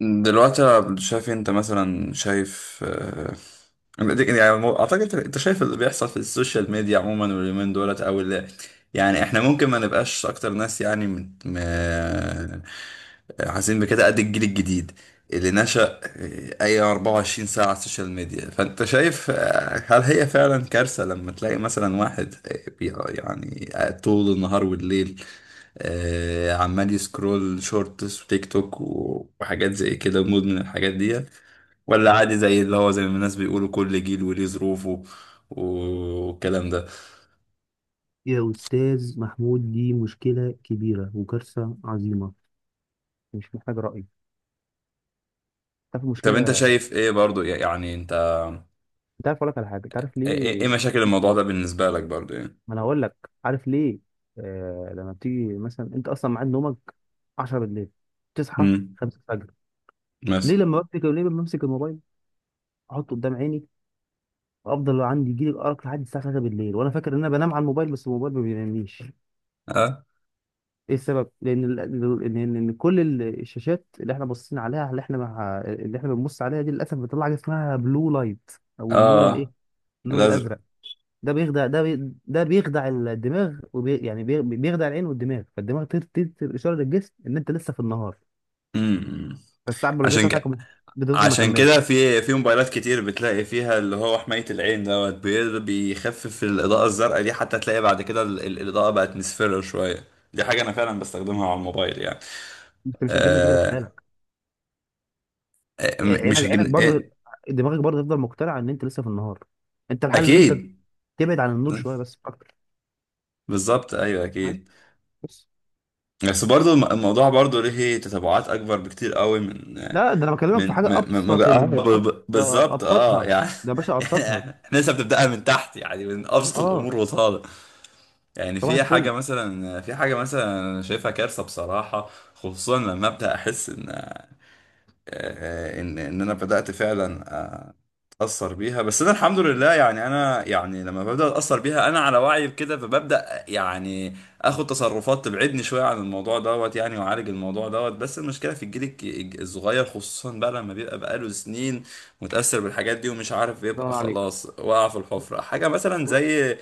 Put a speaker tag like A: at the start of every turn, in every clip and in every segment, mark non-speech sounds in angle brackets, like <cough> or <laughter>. A: دلوقتي أنا شايف انت مثلا شايف اعتقد انت شايف اللي بيحصل في السوشيال ميديا عموما واليومين دولت او اللي يعني احنا ممكن ما نبقاش اكتر ناس حاسين بكده قد الجيل الجديد اللي نشأ اي 24 ساعة على السوشيال ميديا. فانت شايف هل هي فعلا كارثة لما تلاقي مثلا واحد قاعد طول النهار والليل، عمال يسكرول شورتس وتيك توك و- وحاجات زي كده مدمن الحاجات دي، ولا عادي زي اللي هو زي ما الناس بيقولوا كل جيل وليه ظروفه والكلام ده؟
B: يا أستاذ محمود، دي مشكلة كبيرة وكارثة عظيمة. مش محتاج رأي. تعرف
A: طب انت
B: المشكلة؟
A: شايف ايه برضو يعني انت،
B: انت عارف اقول لك على حاجة؟ تعرف
A: ايه
B: ليه؟
A: مشاكل الموضوع ده بالنسبة لك برضو يعني؟
B: ما انا هقول لك. عارف ليه؟ لما بتيجي مثلا انت اصلا ميعاد نومك 10 بالليل، تصحى
A: امم.
B: 5 الفجر.
A: مثلا.
B: ليه لما بمسك الموبايل، احطه قدام عيني، افضل عندي يجي لي الارق لحد الساعة 3 بالليل وانا فاكر ان انا بنام على الموبايل، بس الموبايل ما بينامنيش.
A: اه.
B: ايه السبب؟ ان ان إن كل الشاشات اللي احنا باصين عليها، اللي احنا بنبص عليها دي للاسف بتطلع حاجه اسمها بلو لايت، او النور
A: اه.
B: الايه، النور
A: الازرق.
B: الازرق. ده بيخدع الدماغ، وبي يعني بي بيخدع العين والدماغ، فالدماغ تدي اشاره للجسم ان انت لسه في النهار،
A: امم.
B: فالساعه البيولوجيه
A: عشان
B: بتاعتك
A: كده،
B: بتفضل مكمله.
A: في في موبايلات كتير بتلاقي فيها اللي هو حماية العين دوت، بيخفف الإضاءة الزرقاء دي، حتى تلاقي بعد كده الإضاءة بقت مصفرة شوية. دي حاجة أنا فعلا بستخدمها على الموبايل يعني.
B: انت مش هتجيب نتيجه في
A: آه.
B: خيالك. عينك
A: مش
B: عينك
A: هجيب
B: برضه،
A: إيه؟
B: دماغك برضه تفضل مقتنعه ان انت لسه في النهار. انت الحل ان انت
A: أكيد.
B: تبعد عن النور شويه بس مش اكتر.
A: بالظبط، أيوه
B: فاهم؟
A: أكيد.
B: بس.
A: بس برضو الموضوع برضو ليه تتبعات أكبر بكتير قوي من
B: لا، ده انا بكلمك في
A: من
B: حاجه
A: ما ما- ما
B: ابسط.
A: بقى
B: ده
A: بالظبط
B: ابسطها،
A: يعني.
B: ده يا باشا
A: <laughs>
B: ابسطها.
A: إحنا لسه بنبدأها من تحت يعني من أبسط
B: اه.
A: الأمور وطالع. يعني
B: صباح
A: في حاجة
B: الفل.
A: مثلا، أنا شايفها كارثة بصراحة، خصوصا لما أبدأ أحس إن إن أنا بدأت فعلا أتأثر بيها. بس أنا الحمد لله يعني أنا يعني لما ببدأ أتأثر بيها أنا على وعي بكده، فببدأ يعني آخد تصرفات تبعدني شوية عن الموضوع دوت يعني، وأعالج الموضوع دوت. بس المشكلة في الجيل الصغير خصوصا بقى لما بيبقى بقاله سنين متأثر بالحاجات دي ومش عارف يبقى،
B: سلام عليك.
A: خلاص وقع في الحفرة. حاجة مثلا زي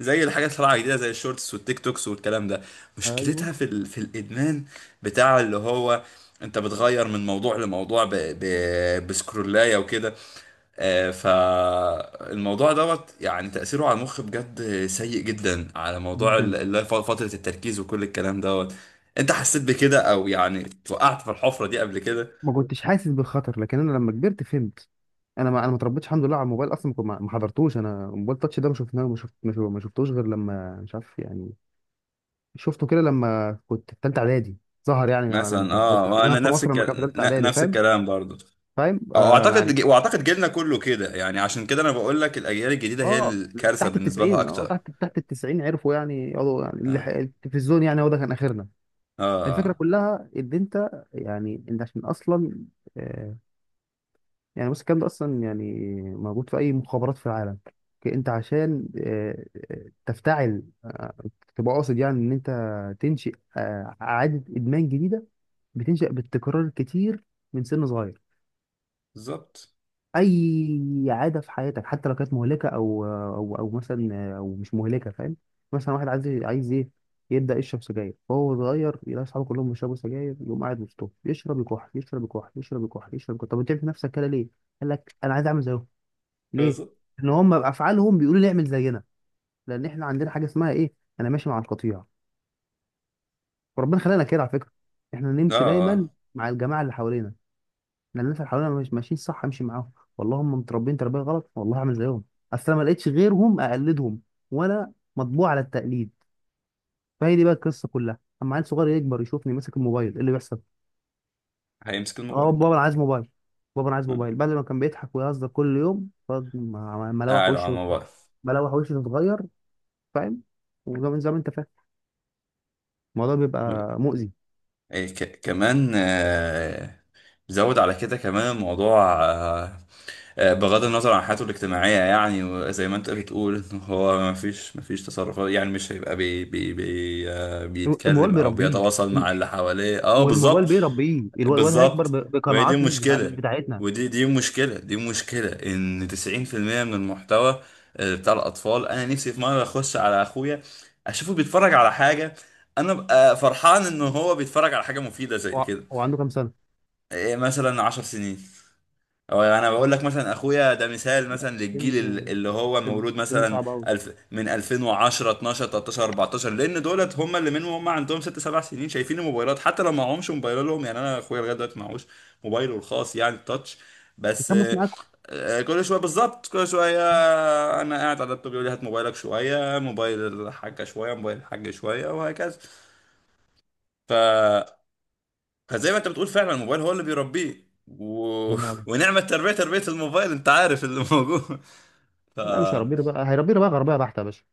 A: زي الحاجات اللي طالعه جديده زي الشورتس والتيك توكس والكلام ده،
B: ايوه.
A: مشكلتها في الادمان بتاع اللي هو، انت بتغير من موضوع لموضوع بسكرولايه وكده. فالموضوع دوت يعني تأثيره على المخ بجد سيء جدا، على موضوع
B: جدا.
A: اللي هي فترة التركيز وكل الكلام دوت. انت حسيت بكده او يعني وقعت في الحفرة دي قبل كده؟
B: ما كنتش حاسس بالخطر، لكن انا لما كبرت فهمت. انا ما اتربيتش الحمد لله على الموبايل اصلا. ما حضرتوش انا موبايل تاتش. ده ما شفناه ما شفت ما شف- ما شفتوش غير لما مش عارف يعني، شفته كده لما كنت في ثالثه اعدادي. ظهر يعني،
A: مثلا، اه.
B: لما
A: وانا
B: في
A: نفس
B: مصر لما كان في
A: الكلام،
B: ثالثه اعدادي.
A: نفس
B: فاهم؟
A: الكلام برضو.
B: فاهم آه
A: اعتقد،
B: يعني
A: واعتقد جيلنا كله كده يعني، عشان كده انا بقول لك الاجيال الجديده هي
B: اه.
A: الكارثه
B: تحت
A: بالنسبه لها
B: التسعين اه
A: اكتر.
B: تحت تحت التسعين عرفوا يعني يقعدوا يعني
A: اه.
B: التلفزيون يعني هو ده كان اخرنا. الفكره
A: اه.
B: كلها ان انت يعني انت عشان اصلا آه يعني. بص، الكلام ده اصلا يعني موجود في اي مخابرات في العالم. انت عشان تفتعل، تبقى قاصد يعني ان انت تنشئ عاده ادمان جديده، بتنشأ بالتكرار الكتير من سن صغير.
A: بالظبط.
B: اي عاده في حياتك حتى لو كانت مهلكه او مثلا، او مش مهلكه، فاهم؟ مثلا واحد عايز ايه، يبدا يشرب سجاير. فهو صغير يلاقي اصحابه كلهم بيشربوا سجاير، يقوم قاعد وسطهم يشرب يكح، يشرب يكح، يشرب يكح، يشرب يكح. طب انت في نفسك كده ليه؟ قال لك انا عايز اعمل زيهم. ليه؟
A: بالظبط.
B: ان هم بافعالهم بيقولوا لي اعمل زينا، لان احنا عندنا حاجه اسمها ايه، انا ماشي مع القطيع. وربنا خلقنا كده على فكره، احنا
A: اه.
B: نمشي دايما
A: آه.
B: مع الجماعه اللي حوالينا. انا الناس اللي حوالينا مش ماشيين صح، امشي معاهم. والله هم متربيين تربيه غلط، والله هعمل زيهم. اصل انا ما لقيتش غيرهم اقلدهم، وانا مطبوع على التقليد. فهي دي بقى القصه كلها، اما عيل صغير يكبر يشوفني ماسك الموبايل، ايه اللي بيحصل؟
A: هيمسك
B: اه،
A: الموبايل.
B: بابا انا عايز موبايل. بابا انا عايز
A: آه.
B: موبايل. بدل ما كان بيضحك ويهزر كل يوم، ملوح
A: قاعد على
B: وشه
A: الموبايل.
B: اتغير. ملوح وشه اتغير. فاهم؟ وزي ما زي ما انت فاهم، الموضوع بيبقى مؤذي.
A: إيه كمان؟ زود على كده كمان الموضوع بغض النظر عن حياته الاجتماعية يعني، وزي ما انت بتقول ان هو ما فيش، تصرفات يعني، مش هيبقى بي بي بي آه،
B: الموبايل
A: بيتكلم او
B: بيربيه.
A: بيتواصل مع
B: الم-
A: اللي حواليه. اه،
B: والموبايل
A: بالظبط.
B: بيربيه. الواد هيكبر
A: بالظبط. وهي دي
B: بقناعات مش
A: المشكلة.
B: بتاعتنا.
A: ودي دي مشكلة دي مشكلة ان 90% من المحتوى بتاع الاطفال. انا نفسي في مرة اخش على اخويا اشوفه بيتفرج على حاجة، انا ببقى فرحان ان هو بيتفرج على حاجه مفيده زي
B: هو
A: كده.
B: هو عنده كام سنه؟
A: إيه مثلا، 10 سنين. او انا بقول لك، مثلا اخويا ده مثال مثلا
B: سن
A: للجيل اللي هو
B: سن
A: مولود
B: سن
A: مثلا
B: صعب قوي.
A: الف من 2010، 12، 13، 14، لان دولت هم اللي منهم هم عندهم 6، 7 سنين شايفين الموبايلات. حتى لو معهمش موبايلهم يعني، انا اخويا لغايه دلوقتي معهوش موبايله الخاص يعني التاتش، بس
B: يخمس معاكم.
A: كل شويه بالظبط، كل شويه انا قاعد على اللابتوب يقول لي هات موبايلك شويه، موبايل الحاجه شويه، موبايل الحاج شويه، وهكذا. ف، فزي ما انت بتقول فعلا الموبايل هو اللي بيربيه و...
B: الله ينور
A: <laughs>
B: عليك.
A: ونعمة تربية، تربية الموبايل، انت عارف اللي موجود. <laughs> ف
B: لا، مش هيربيه بقى، هيربيه بقى غربيه بحته يا باشا.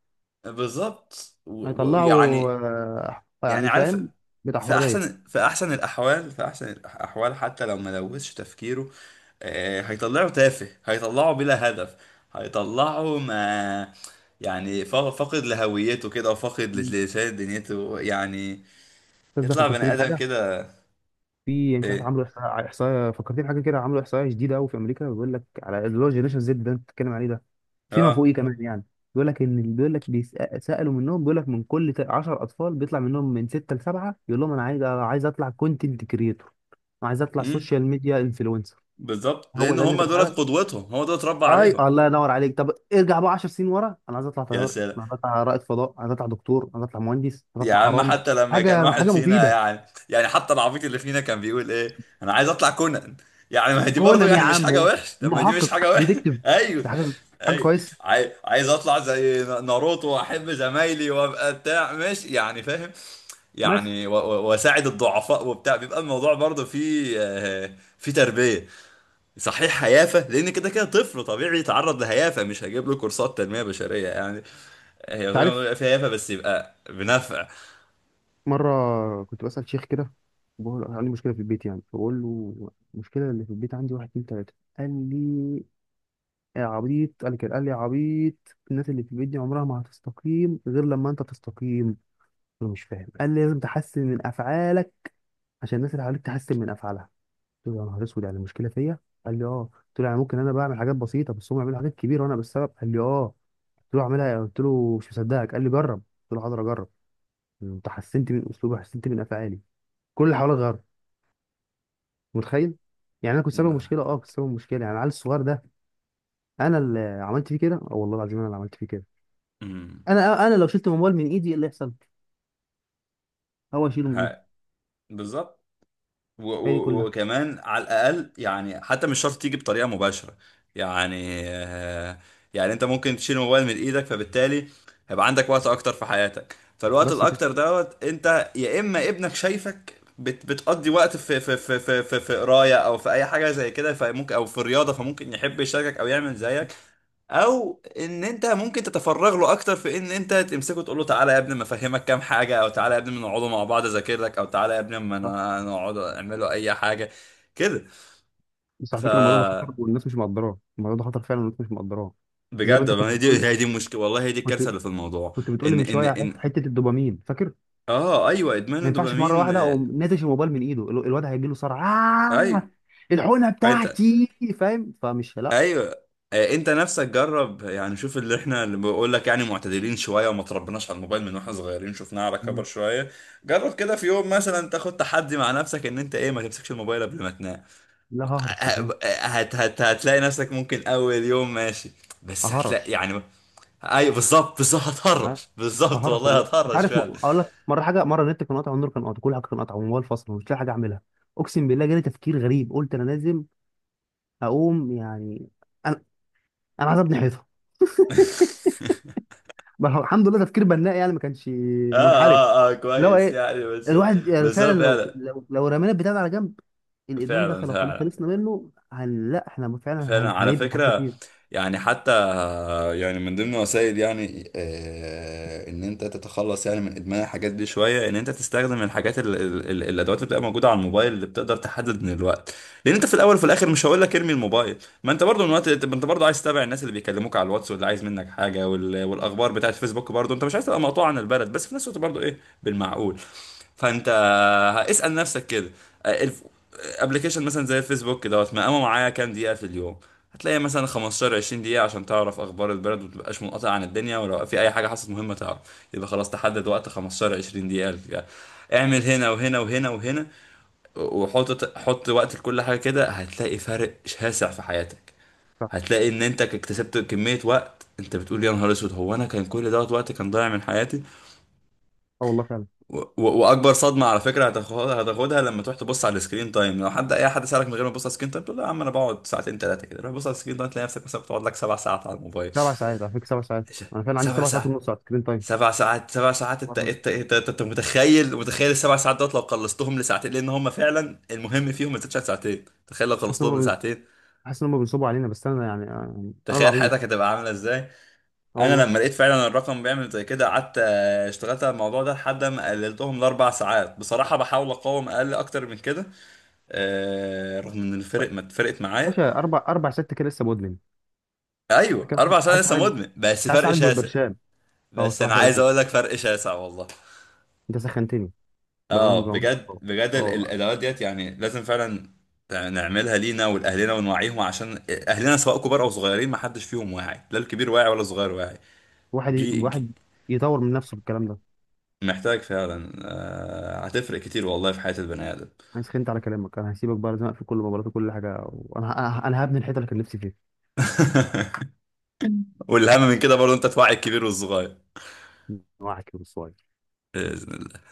A: بالظبط. و- ويعني
B: هيطلعوا،
A: يعني يعني عارف،
B: فاهم، بتاع
A: في
B: حريه.
A: احسن، الاحوال في احسن الاحوال حتى لو ما لوثش تفكيره هيطلعه تافه، هيطلعه بلا هدف، هيطلعه ما يعني فا- فاقد لهويته كده، وفاقد
B: الأستاذ.
A: لشيء دنيته يعني،
B: ده
A: يطلع بني
B: فكرتني
A: ادم
B: بحاجه.
A: كده.
B: في يعني مش عارف،
A: ايه.
B: عملوا احصاء، فكرتني بحاجه كده، عملوا احصاء جديده قوي في امريكا. بيقول لك على اللي هو جينيشن زد ده انت بتتكلم عليه ده، فيما
A: اه،
B: فوقيه كمان يعني. بيقول لك سالوا منهم، بيقول لك من كل 10 اطفال بيطلع منهم من 6 لسبعه يقول لهم انا عايز اطلع كونتنت كريتور، عايز اطلع سوشيال ميديا انفلونسر.
A: بالظبط،
B: هو
A: لان
B: ده اللي انت
A: هم دولت
B: بحاجه.
A: قدوتهم، هو دول اتربى
B: اي
A: عليهم.
B: الله ينور عليك. طب ارجع بقى 10 سنين ورا، انا عايز اطلع
A: يا
B: طيار،
A: سلام.
B: انا عايز اطلع رائد فضاء، عايز اطلع دكتور، عايز اطلع مهندس، عايز
A: يا
B: اطلع
A: عم
B: حرامي.
A: حتى لما كان
B: حاجه،
A: واحد
B: حاجه
A: فينا
B: مفيده.
A: يعني يعني حتى العبيط اللي فينا كان بيقول ايه؟ انا عايز اطلع كونان يعني. ما هي دي برضه
B: كونان يا
A: يعني مش حاجه
B: عم،
A: وحش، طب ما دي مش حاجه
B: محقق
A: وحش.
B: ديتكتيف.
A: <laughs> ايوه.
B: ده حاجه، حاجه
A: ايوه.
B: كويسه.
A: عايز اطلع زي ناروتو، واحب زمايلي، وابقى بتاع مش يعني فاهم
B: بس
A: يعني واساعد الضعفاء وبتاع، بيبقى الموضوع برضه فيه فيه تربيه صحيح، هيافة، لأن كده كده طفل طبيعي يتعرض لهيافة، مش هجيب له كورسات تنمية بشرية يعني. هي
B: انت
A: طبعاً
B: عارف،
A: بيبقى فيها هيافة بس يبقى بنفع.
B: مره كنت بسال شيخ كده، بقول له عندي مشكله في البيت يعني. فبقول له المشكله اللي في البيت عندي واحد اتنين تلاته. قال لي يا عبيط. قال لي كده، قال لي يا عبيط الناس اللي في البيت دي عمرها ما هتستقيم غير لما انت تستقيم. انا مش فاهم. قال لي لازم تحسن من افعالك عشان الناس اللي حواليك تحسن من افعالها. قلت له يا نهار اسود، يعني المشكله فيا؟ قال لي اه. قلت له يعني ممكن انا بعمل حاجات بسيطه بس هم بيعملوا حاجات كبيره وانا بالسبب؟ قال لي اه. قلت له اعملها يعني؟ قلت له مش مصدقك. قال لي جرب. قلت له حاضر اجرب. انت حسنت من اسلوبي، حسنت من افعالي، كل اللي حواليا غير. متخيل؟ يعني انا كنت سبب مشكله. اه كنت سبب مشكله يعني العيل الصغير ده انا اللي عملت فيه كده. اه والله العظيم انا اللي عملت فيه كده.
A: مم.
B: انا لو شلت الموبايل من ايدي ايه اللي يحصل؟ هو يشيله من ايده.
A: ها. بالظبط.
B: هي دي كلها.
A: وكمان على الاقل يعني، حتى مش شرط تيجي بطريقه مباشره. يعني يعني انت ممكن تشيل الموبايل من ايدك، فبالتالي هيبقى عندك وقت اكتر في حياتك. فالوقت
B: بس كده.
A: الاكتر دوت، انت يا اما ابنك شايفك بتقضي وقت في قرايه او في اي حاجه زي كده، فممكن، او في الرياضه فممكن يحب يشاركك او يعمل زيك. او ان انت ممكن تتفرغ له اكتر في ان انت تمسكه تقول له تعالى يا ابني ما افهمك كام حاجه، او تعالى يا ابني ما نقعدوا مع بعض اذاكر لك، او تعالى يا ابني ما انا نقعد اعملوا اي حاجه كده.
B: بس على
A: ف
B: فكره الموضوع ده خطر والناس مش مقدراه. الموضوع ده خطر فعلا والناس مش مقدراه. زي ما
A: بجد،
B: انت
A: ما
B: كنت
A: هي
B: بتقول،
A: دي، هي دي المشكله والله، هي دي
B: كنت
A: الكارثه اللي في الموضوع.
B: كنت بتقولي
A: ان
B: من
A: ان
B: شويه على
A: ان
B: حته الدوبامين، فاكر؟
A: اه، ايوه، ادمان
B: ما ينفعش في مره
A: الدوبامين.
B: واحده اقوم ناتش الموبايل من ايده، الواد هيجي له صرع. آه،
A: ايوه.
B: الحقنه
A: انت،
B: بتاعتي، فاهم؟ لا،
A: ايوه انت نفسك جرب يعني، شوف اللي احنا، اللي بقول لك يعني، معتدلين شويه وما تربناش على الموبايل من واحنا صغيرين، شفناه على كبر شويه. جرب كده في يوم مثلا، تاخد تحدي مع نفسك ان انت ايه، ما تمسكش الموبايل قبل ما تنام.
B: لا، ههرش مش هينفع.
A: هتلاقي نفسك ممكن اول يوم ماشي، بس
B: ههرش.
A: هتلاقي يعني. ايوه بالظبط، بالظبط
B: ه-
A: هتهرش، بالظبط
B: ههرش
A: والله
B: والله. انت
A: هتهرش
B: عارف،
A: فعلا.
B: اقول لك مره حاجه، مره النت كان قاطع، النور كان قاطع، كل حاجه كان قاطع، والموبايل فاصل، ومش لاقي حاجه اعملها. اقسم بالله جالي تفكير غريب. قلت انا لازم اقوم يعني. انا انا عايز ابني حيطه.
A: <laughs>
B: ما هو الحمد لله تفكير بناء يعني، ما كانش
A: اه
B: منحرف.
A: اه اه
B: اللي هو
A: كويس
B: ايه،
A: يعني، بس،
B: الواحد يعني
A: بس
B: فعلا
A: هو فعلا.
B: لو رمينا البتاع ده على جنب، الادمان ده
A: فعلا،
B: لو خلصنا منه، هن لا احنا فعلا
A: على
B: هنبني حاجات
A: فكرة،
B: كتير.
A: يعني حتى فيعني من ضمن وسائل يعني ان انت تتخلص يعني من ادمان الحاجات دي شويه، ان انت تستخدم الحاجات ال ال ال الادوات اللي بتبقى موجوده على الموبايل اللي بتقدر تحدد من الوقت. لان انت في الاول وفي الاخر مش هقول لك ارمي الموبايل، ما انت برضو من وقت انت، انت برضو عايز تتابع الناس اللي بيكلموك على الواتس، واللي عايز منك حاجه، وال، والاخبار بتاعت فيسبوك، برضو انت مش عايز تبقى مقطوع عن البلد. بس في نفس الوقت برضو ايه، بالمعقول. فانت اسال نفسك كده، ابلكيشن مثلا زي الفيسبوك دوت مقامه معايا كام دقيقه في اليوم. هتلاقي مثلا 15، 20 دقيقة عشان تعرف أخبار البلد ومتبقاش منقطع عن الدنيا، ولو في أي حاجة حصلت مهمة تعرف. يبقى خلاص تحدد وقت 15، 20 دقيقة للفئة. اعمل هنا وهنا وهنا وهنا، وحط وقت لكل حاجة، كده هتلاقي فرق شاسع في حياتك.
B: صح.
A: هتلاقي إن أنت اكتسبت كمية وقت أنت بتقول يا نهار أسود، هو أنا كان كل دوت وقت كان ضايع من حياتي؟
B: اه والله فعلا.
A: واكبر صدمه على فكره هتاخدها، هتاخدها لما تروح تبص على السكرين تايم. لو حد، اي حد سالك من غير ما تبص على السكرين تايم تقول له يا عم انا بقعد ساعتين ثلاثه كده، روح بص على السكرين تايم تلاقي نفسك مثلا بتقعد لك سبع ساعات على الموبايل.
B: سبع ساعات على فكره، سبع ساعات.
A: إيه ده؟
B: انا فعلا عندي
A: سبع
B: سبع ساعات
A: ساعات.
B: ونص على سكرين تايم.
A: سبع ساعات انت
B: سبحان
A: انت
B: الله.
A: انت انت أنت متخيل، متخيل السبع ساعات دوت لو قلصتهم لساعتين، لان هم فعلا المهم فيهم ما تزيدش عن ساعتين. تخيل لو
B: حاسس ان
A: خلصتهم
B: هم بي-
A: لساعتين،
B: حاسس ان هم بينصبوا علينا، بس انا يعني انا
A: تخيل
B: العبيط.
A: حياتك هتبقى عامله ازاي.
B: اه
A: انا
B: والله.
A: لما لقيت فعلا الرقم بيعمل زي كده قعدت اشتغلت على الموضوع ده لحد ما قللتهم لاربع ساعات. بصراحه بحاول اقاوم اقل اكتر من كده، رغم ان الفرق ما اتفرقت معايا.
B: باشا اربع اربع ست كده لسه مدمن.
A: ايوه،
B: انت كده
A: اربع سنين
B: عايز
A: لسه
B: حاجه،
A: مدمن، بس
B: عايز
A: فرق
B: حاجه
A: شاسع.
B: بالبرشام. اه
A: بس انا
B: الصراحه
A: عايز
B: فرقت.
A: اقول لك فرق شاسع والله.
B: انت سخنتني. بامان
A: اه
B: بامان.
A: بجد، بجد
B: اه.
A: الادوات ديت يعني لازم فعلا نعملها لينا ولاهلنا ونوعيهم، عشان اهلنا سواء كبار او صغيرين ما حدش فيهم واعي، لا الكبير واعي ولا
B: آه.
A: الصغير واعي. جي جي
B: واحد يطور من نفسه في الكلام ده.
A: محتاج فعلا. آه، هتفرق كتير والله في حياة البني ادم.
B: انا سخنت على كلامك، انا هسيبك بقى، لازم اقفل كل مباراتي وكل حاجه، وانا انا أنا هبني الحته اللي كان نفسي فيها.
A: <laughs> والاهم من كده برضه، انت توعي الكبير والصغير.
B: واحد كده بس.
A: باذن الله.